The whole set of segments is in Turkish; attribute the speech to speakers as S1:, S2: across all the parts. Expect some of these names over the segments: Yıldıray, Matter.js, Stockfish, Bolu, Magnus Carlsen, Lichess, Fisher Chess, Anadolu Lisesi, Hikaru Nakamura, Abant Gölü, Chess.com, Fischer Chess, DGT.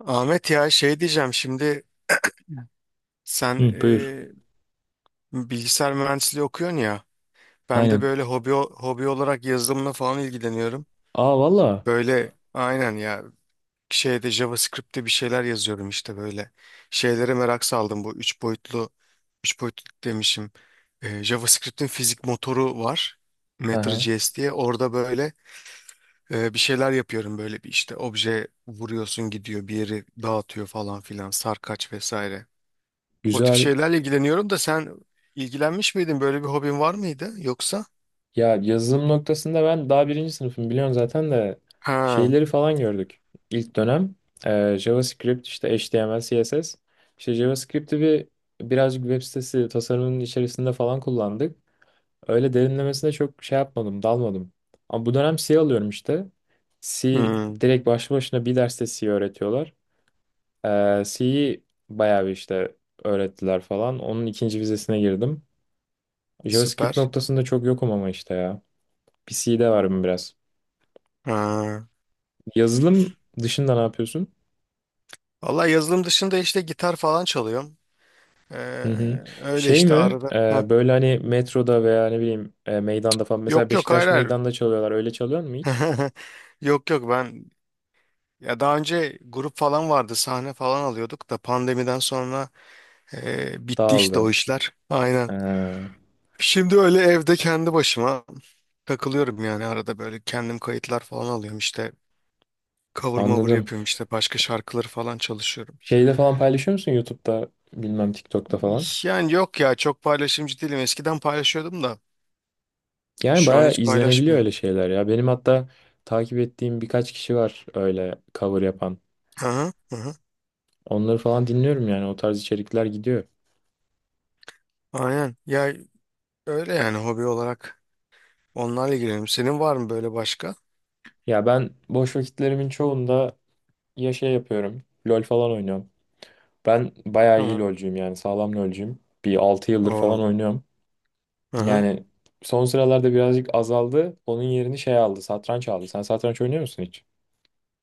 S1: Ahmet, ya şey diyeceğim şimdi. Sen
S2: Hı, buyur.
S1: bilgisayar mühendisliği okuyorsun ya. Ben de
S2: Aynen.
S1: böyle hobi olarak yazılımla falan ilgileniyorum.
S2: Aa valla.
S1: Böyle aynen ya, şeyde JavaScript'te bir şeyler yazıyorum işte, böyle şeylere merak saldım. Bu üç boyutlu üç boyutlu demişim. JavaScript'in fizik motoru var,
S2: Hı hı.
S1: Matter.js diye. Orada böyle bir şeyler yapıyorum, böyle bir işte obje vuruyorsun gidiyor, bir yeri dağıtıyor falan filan, sarkaç vesaire. O tip
S2: Güzel.
S1: şeylerle ilgileniyorum da, sen ilgilenmiş miydin? Böyle bir hobin var mıydı yoksa?
S2: Ya yazılım noktasında ben daha birinci sınıfım biliyorsun zaten de
S1: Ha,
S2: şeyleri falan gördük. İlk dönem JavaScript işte HTML, CSS. İşte JavaScript'i bir birazcık web sitesi tasarımının içerisinde falan kullandık. Öyle derinlemesine çok şey yapmadım, dalmadım. Ama bu dönem C alıyorum işte. C
S1: hmm,
S2: direkt başlı başına bir derste C öğretiyorlar. C'yi bayağı bir işte öğrettiler falan. Onun ikinci vizesine girdim. JavaScript
S1: süper.
S2: noktasında çok yokum ama işte ya. PC'de varım biraz.
S1: Ha.
S2: Yazılım dışında ne yapıyorsun?
S1: Vallahi yazılım dışında işte gitar falan çalıyorum. Ee,
S2: Hı hı.
S1: öyle
S2: Şey
S1: işte
S2: mi?
S1: arada.
S2: e,
S1: Ha.
S2: böyle hani metroda veya ne bileyim meydanda falan. Mesela
S1: Yok yok, hayır
S2: Beşiktaş
S1: hayır.
S2: meydanda çalıyorlar. Öyle çalıyor mu hiç?
S1: Yok yok, ben ya daha önce grup falan vardı, sahne falan alıyorduk da, pandemiden sonra bitti işte o
S2: Dağıldı.
S1: işler. Aynen.
S2: Ha,
S1: Şimdi öyle evde kendi başıma takılıyorum yani, arada böyle kendim kayıtlar falan alıyorum işte. Cover mover
S2: anladım.
S1: yapıyorum işte, başka şarkıları falan çalışıyorum.
S2: Şeyde falan paylaşıyor musun? YouTube'da bilmem TikTok'ta falan.
S1: Yani yok ya, çok paylaşımcı değilim. Eskiden paylaşıyordum da
S2: Yani
S1: şu an
S2: bayağı
S1: hiç
S2: izlenebiliyor öyle
S1: paylaşmıyorum.
S2: şeyler ya. Benim hatta takip ettiğim birkaç kişi var öyle cover yapan.
S1: Aha, aha.
S2: Onları falan dinliyorum yani. O tarz içerikler gidiyor.
S1: Aynen. Ya öyle yani, hobi olarak onlarla ilgileniyorum. Senin var mı böyle başka?
S2: Ya ben boş vakitlerimin çoğunda ya şey yapıyorum. LoL falan oynuyorum. Ben bayağı iyi
S1: Tamam.
S2: LoL'cuyum yani. Sağlam LoL'cuyum. Bir 6 yıldır
S1: Oo.
S2: falan oynuyorum.
S1: Aha.
S2: Yani son sıralarda birazcık azaldı. Onun yerini şey aldı. Satranç aldı. Sen satranç oynuyor musun hiç?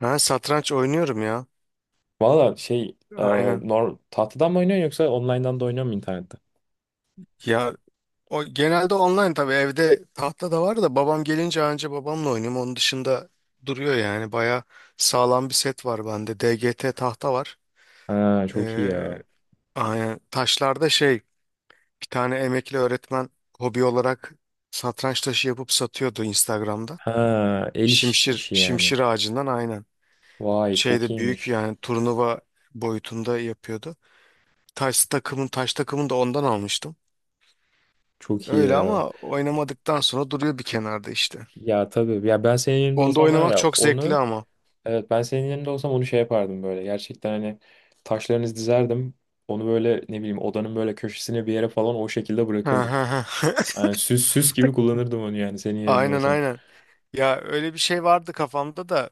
S1: Ben satranç oynuyorum ya.
S2: Valla şey e,
S1: Aynen.
S2: nor tahtadan mı oynuyorsun yoksa online'dan da oynuyor musun internette?
S1: Ya o genelde online tabii, evde tahta da var da babam gelince anca babamla oynuyorum. Onun dışında duruyor yani. Baya sağlam bir set var bende. DGT tahta var.
S2: Ha çok iyi
S1: Ee,
S2: ya.
S1: Aynen. Taşlarda şey, bir tane emekli öğretmen hobi olarak satranç taşı yapıp satıyordu Instagram'da.
S2: Ha el
S1: Şimşir,
S2: işi yani.
S1: şimşir ağacından aynen.
S2: Vay çok
S1: Şeyde büyük
S2: iyiymiş.
S1: yani, turnuva boyutunda yapıyordu. Taş takımın taş takımını da ondan almıştım.
S2: Çok iyi
S1: Öyle
S2: ya.
S1: ama oynamadıktan sonra duruyor bir kenarda işte.
S2: Ya tabii. Ya ben senin yerinde
S1: Onda
S2: olsam var
S1: oynamak
S2: ya
S1: çok zevkli
S2: onu.
S1: ama.
S2: Evet, ben senin yerinde olsam onu şey yapardım böyle. Gerçekten hani taşlarınızı dizerdim. Onu böyle ne bileyim odanın böyle köşesine bir yere falan o şekilde bırakırdım. Yani süs süs gibi kullanırdım onu yani senin yerinde
S1: Aynen
S2: olsam.
S1: aynen. Ya öyle bir şey vardı kafamda da.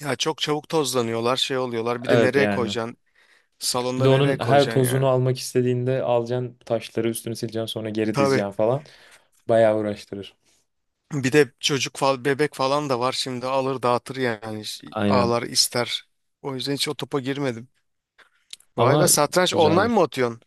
S1: Ya çok çabuk tozlanıyorlar, şey oluyorlar. Bir de
S2: Evet
S1: nereye
S2: yani.
S1: koyacaksın?
S2: Bir
S1: Salonda
S2: de onun
S1: nereye
S2: her
S1: koyacaksın
S2: tozunu
S1: yani?
S2: almak istediğinde alacaksın taşları üstünü sileceksin sonra geri
S1: Tabii.
S2: dizeceksin falan. Bayağı uğraştırır.
S1: Bir de çocuk falan, bebek falan da var şimdi, alır dağıtır yani. Ş-
S2: Aynen.
S1: ağlar ister. O yüzden hiç o topa girmedim. Vay be,
S2: Ama
S1: satranç online
S2: güzeldir.
S1: mı atıyorsun?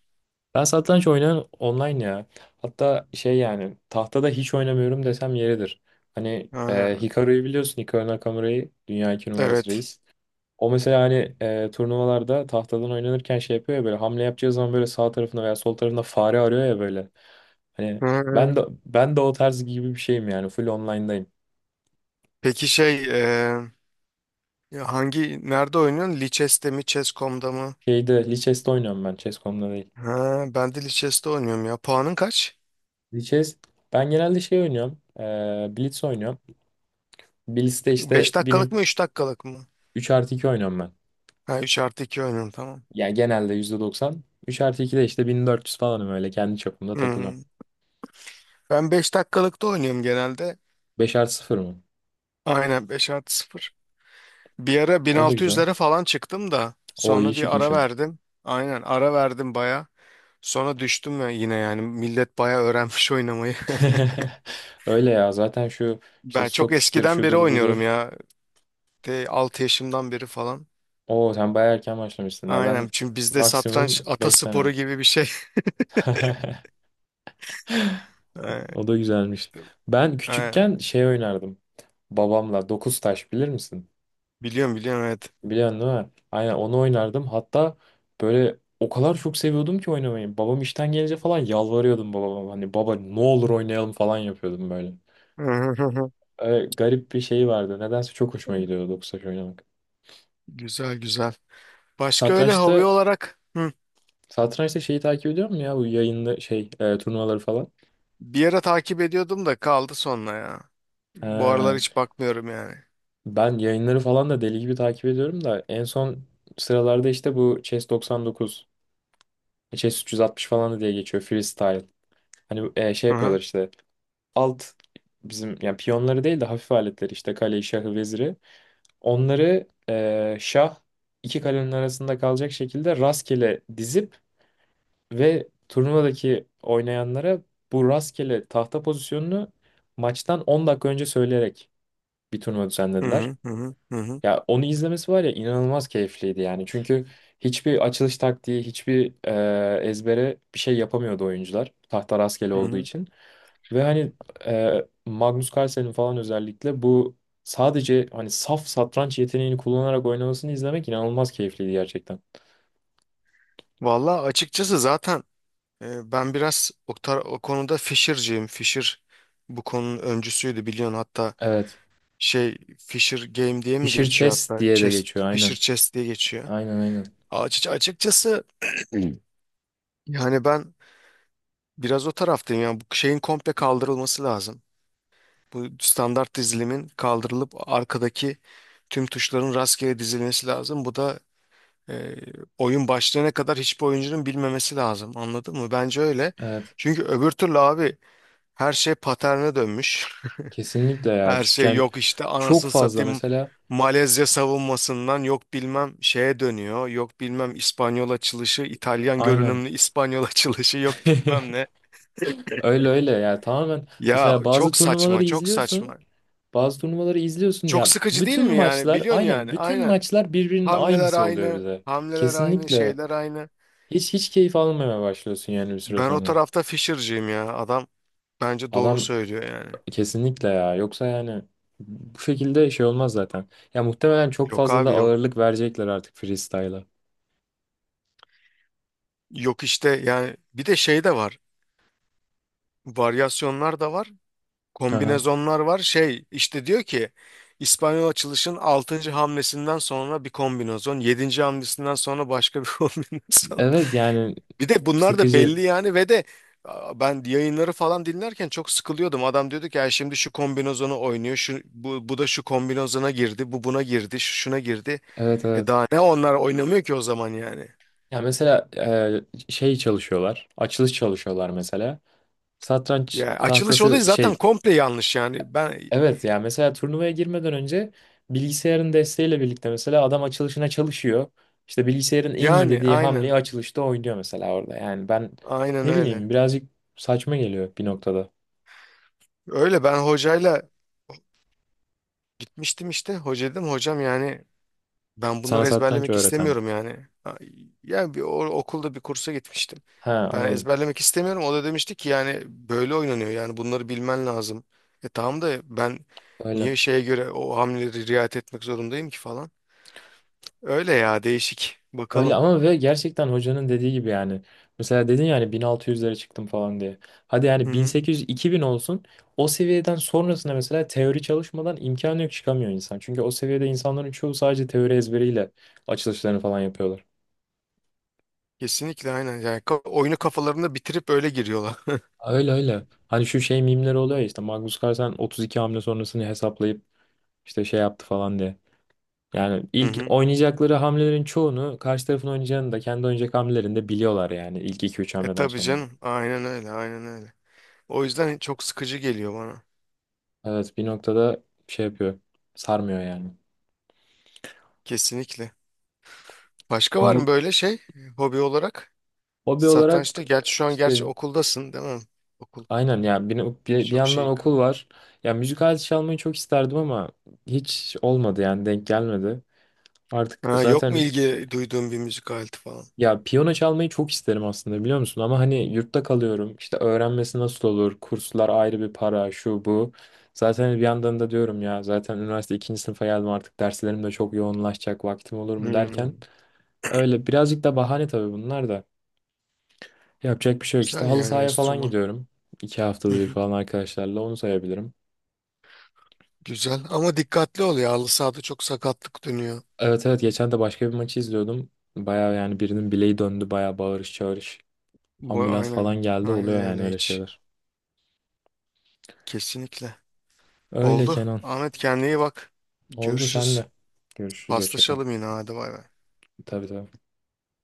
S2: Ben satranç oynayan online ya. Hatta şey yani tahtada hiç oynamıyorum desem yeridir. Hani
S1: Ha,
S2: Hikaru'yu biliyorsun Hikaru Nakamura'yı dünya iki numarası
S1: evet.
S2: reis. O mesela hani turnuvalarda tahtadan oynanırken şey yapıyor ya böyle hamle yapacağı zaman böyle sağ tarafında veya sol tarafında fare arıyor ya böyle. Hani
S1: Hı.
S2: ben de o tarz gibi bir şeyim yani full online'dayım.
S1: Peki şey, ya hangi, nerede oynuyorsun? Lichess'te mi Chess.com'da mı?
S2: Şeyde Lichess'te oynuyorum ben Chess.com'da değil.
S1: Ha, ben de Lichess'te oynuyorum ya. Puanın kaç?
S2: Lichess ben genelde şey oynuyorum. Blitz oynuyorum. Blitz'te işte
S1: Beş dakikalık mı 3 dakikalık mı?
S2: 3+2 oynuyorum ben.
S1: Ha, 3 artı 2 oynuyorum, tamam.
S2: Yani genelde %90 üç artı 2 de işte 1400 falanım öyle kendi çapımda
S1: Hı.
S2: takılıyorum.
S1: Ben 5 dakikalıkta oynuyorum genelde.
S2: 5+0 mı?
S1: Aynen, 5 artı sıfır. Bir ara
S2: O da güzel.
S1: 1600'lere falan çıktım da
S2: O iyi
S1: sonra bir ara
S2: çıkmışsın.
S1: verdim. Aynen, ara verdim baya. Sonra düştüm ya yine, yani millet baya öğrenmiş oynamayı.
S2: Öyle ya zaten şu işte
S1: Ben çok
S2: Stockfish'tir
S1: eskiden beri
S2: şudur
S1: oynuyorum
S2: budur.
S1: ya. De, 6 yaşımdan beri falan.
S2: Oo sen bayağı erken başlamışsın. Ya ben
S1: Aynen, çünkü bizde satranç
S2: maksimum 5
S1: atasporu
S2: sene.
S1: gibi bir şey. Ee,
S2: O da güzelmiş.
S1: İşte
S2: Ben
S1: ee,
S2: küçükken şey oynardım. Babamla 9 taş bilir misin?
S1: biliyorum biliyorum, evet.
S2: Biliyorsun değil mi? Aynen onu oynardım. Hatta böyle o kadar çok seviyordum ki oynamayı. Babam işten gelince falan yalvarıyordum babama. Hani baba ne olur oynayalım falan yapıyordum böyle. Öyle garip bir şey vardı. Nedense çok hoşuma gidiyordu doksaç oynamak.
S1: Güzel güzel. Başka öyle
S2: Satrançta
S1: hobi olarak,
S2: satrançta şeyi takip ediyor musun ya? Bu yayınlı şey turnuvaları falan.
S1: bir ara takip ediyordum da kaldı sonra ya. Bu aralar
S2: Ha,
S1: hiç bakmıyorum yani.
S2: ben yayınları falan da deli gibi takip ediyorum da en son sıralarda işte bu Chess 99, Chess 360 falan da diye geçiyor freestyle. Hani şey yapıyorlar işte. alt bizim yani piyonları değil de hafif aletleri işte kaleyi, şahı, veziri. Onları şah iki kalenin arasında kalacak şekilde rastgele dizip ve turnuvadaki oynayanlara bu rastgele tahta pozisyonunu maçtan 10 dakika önce söyleyerek bir turnuva
S1: Hı
S2: düzenlediler.
S1: hı hı hı hı hı.
S2: Ya onu izlemesi var ya inanılmaz keyifliydi yani. Çünkü hiçbir açılış taktiği, hiçbir ezbere bir şey yapamıyordu oyuncular. Tahta rastgele
S1: Hı
S2: olduğu
S1: hı.
S2: için. Ve hani Magnus Carlsen'in falan özellikle bu sadece hani saf satranç yeteneğini kullanarak oynamasını izlemek inanılmaz keyifliydi gerçekten.
S1: Vallahi açıkçası zaten, ben biraz o konuda Fisher'cıyım. Fisher bu konunun öncüsüydü, biliyorsun. Hatta
S2: Evet.
S1: şey, Fisher Game diye mi
S2: Fischer
S1: geçiyor
S2: Chess
S1: hatta,
S2: diye de
S1: Chess,
S2: geçiyor
S1: Fisher
S2: aynen.
S1: Chess diye geçiyor.
S2: Aynen aynen.
S1: Açıkçası yani, ben biraz o taraftayım. Yani bu şeyin komple kaldırılması lazım. Bu standart dizilimin kaldırılıp arkadaki tüm tuşların rastgele dizilmesi lazım. Bu da E, oyun başlayana kadar hiçbir oyuncunun bilmemesi lazım. Anladın mı? Bence öyle.
S2: Evet.
S1: Çünkü öbür türlü abi, her şey paterne dönmüş.
S2: Kesinlikle ya.
S1: Her
S2: Çünkü
S1: şey
S2: yani
S1: yok, işte
S2: çok
S1: anasını
S2: fazla
S1: satayım,
S2: mesela
S1: Malezya savunmasından yok bilmem şeye dönüyor. Yok bilmem İspanyol açılışı, İtalyan
S2: aynen.
S1: görünümlü İspanyol açılışı, yok bilmem ne.
S2: Öyle öyle yani tamamen
S1: Ya
S2: mesela bazı
S1: çok
S2: turnuvaları
S1: saçma, çok
S2: izliyorsun
S1: saçma.
S2: bazı turnuvaları izliyorsun
S1: Çok
S2: ya
S1: sıkıcı değil
S2: bütün
S1: mi yani?
S2: maçlar
S1: Biliyorsun
S2: aynen
S1: yani.
S2: bütün
S1: Aynen.
S2: maçlar birbirinin
S1: Hamleler
S2: aynısı oluyor
S1: aynı,
S2: bize.
S1: hamleler aynı,
S2: Kesinlikle
S1: şeyler aynı.
S2: hiç hiç keyif almamaya başlıyorsun yani bir süre
S1: Ben o
S2: sonra.
S1: tarafta Fisher'cıyım ya. Adam bence doğru
S2: Adam
S1: söylüyor yani.
S2: kesinlikle ya yoksa yani bu şekilde şey olmaz zaten. Ya muhtemelen çok
S1: Yok
S2: fazla da
S1: abi, yok.
S2: ağırlık verecekler artık freestyle'a.
S1: Yok, işte yani bir de şey de var. Varyasyonlar da var.
S2: Aha.
S1: Kombinezonlar var. Şey, işte diyor ki, İspanyol açılışın altıncı hamlesinden sonra bir kombinezon, yedinci hamlesinden sonra başka bir kombinezon.
S2: Evet yani
S1: Bir de bunlar da
S2: sıkıcı.
S1: belli yani, ve de ben yayınları falan dinlerken çok sıkılıyordum. Adam diyordu ki, ya şimdi şu kombinezonu oynuyor. Şu, bu, bu da şu kombinezona girdi. Bu buna girdi. Şu şuna girdi.
S2: Evet
S1: E
S2: evet.
S1: daha ne, onlar oynamıyor ki o zaman yani.
S2: Ya mesela şey çalışıyorlar. Açılış çalışıyorlar mesela. Satranç
S1: Ya açılış olayı
S2: tahtası
S1: zaten
S2: şey.
S1: komple yanlış yani. Ben
S2: Evet ya mesela turnuvaya girmeden önce bilgisayarın desteğiyle birlikte mesela adam açılışına çalışıyor. İşte bilgisayarın en iyi
S1: yani,
S2: dediği hamleyi
S1: aynen.
S2: açılışta oynuyor mesela orada. Yani ben
S1: Aynen
S2: ne
S1: öyle.
S2: bileyim birazcık saçma geliyor bir noktada.
S1: Öyle ben hocayla gitmiştim işte. Hoca dedim, hocam yani, ben
S2: Sana
S1: bunları
S2: satranç
S1: ezberlemek
S2: öğreten.
S1: istemiyorum yani. Ha, yani bir okulda bir kursa gitmiştim.
S2: Ha
S1: Ben
S2: anladım.
S1: ezberlemek istemiyorum. O da demişti ki yani, böyle oynanıyor, yani bunları bilmen lazım. E tamam da, ben
S2: Öyle.
S1: niye şeye göre o hamleleri riayet etmek zorundayım ki falan. Öyle ya, değişik.
S2: Öyle
S1: Bakalım.
S2: ama ve gerçekten hocanın dediği gibi yani. Mesela dedin yani 1600'lere çıktım falan diye. Hadi
S1: Hı
S2: yani
S1: hı.
S2: 1800-2000 olsun. O seviyeden sonrasında mesela teori çalışmadan imkanı yok çıkamıyor insan. Çünkü o seviyede insanların çoğu sadece teori ezberiyle açılışlarını falan yapıyorlar.
S1: Kesinlikle aynen. Yani oyunu kafalarında bitirip öyle giriyorlar.
S2: Öyle öyle. Hani şu şey mimleri oluyor ya işte Magnus Carlsen 32 hamle sonrasını hesaplayıp işte şey yaptı falan diye. Yani
S1: Hı
S2: ilk
S1: hı.
S2: oynayacakları hamlelerin çoğunu karşı tarafın oynayacağını da kendi oynayacak hamlelerini de biliyorlar yani ilk iki üç
S1: E
S2: hamleden
S1: tabii
S2: sonra.
S1: canım. Aynen öyle, aynen öyle. O yüzden çok sıkıcı geliyor bana.
S2: Evet bir noktada şey yapıyor. Sarmıyor yani.
S1: Kesinlikle. Başka var mı
S2: Bu
S1: böyle şey, hobi olarak?
S2: hobi olarak
S1: Satrançta. Gerçi şu an gerçi
S2: işte
S1: okuldasın, değil mi? Okul
S2: aynen ya bir
S1: birçok
S2: yandan
S1: şeyi kap.
S2: okul var. Ya müzik aleti çalmayı çok isterdim ama hiç olmadı yani denk gelmedi. Artık
S1: Ha, yok mu
S2: zaten
S1: ilgi duyduğun bir müzik aleti falan?
S2: ya piyano çalmayı çok isterim aslında biliyor musun? Ama hani yurtta kalıyorum. İşte öğrenmesi nasıl olur? Kurslar ayrı bir para şu bu. Zaten bir yandan da diyorum ya zaten üniversite ikinci sınıfa geldim artık derslerim de çok yoğunlaşacak vaktim olur mu derken.
S1: Hmm.
S2: Öyle birazcık da bahane tabii bunlar da. Yapacak bir şey yok işte.
S1: Güzel
S2: Halı
S1: yani,
S2: sahaya falan
S1: enstrüman.
S2: gidiyorum. 2 haftada
S1: Hı
S2: bir
S1: hı.
S2: falan arkadaşlarla onu sayabilirim.
S1: Güzel ama dikkatli ol ya. Halı sahada çok sakatlık dönüyor.
S2: Evet evet geçen de başka bir maçı izliyordum. Baya yani birinin bileği döndü baya bağırış çağırış.
S1: Bu
S2: Ambulans
S1: aynen.
S2: falan geldi
S1: Aynen
S2: oluyor yani
S1: öyle
S2: öyle
S1: hiç.
S2: şeyler.
S1: Kesinlikle.
S2: Öyle
S1: Oldu.
S2: Kenan.
S1: Ahmet, kendine iyi bak.
S2: Oldu
S1: Görüşürüz.
S2: senle. Görüşürüz hoşça kal.
S1: Paslaşalım yine, hadi bay bay.
S2: Tabii tabii.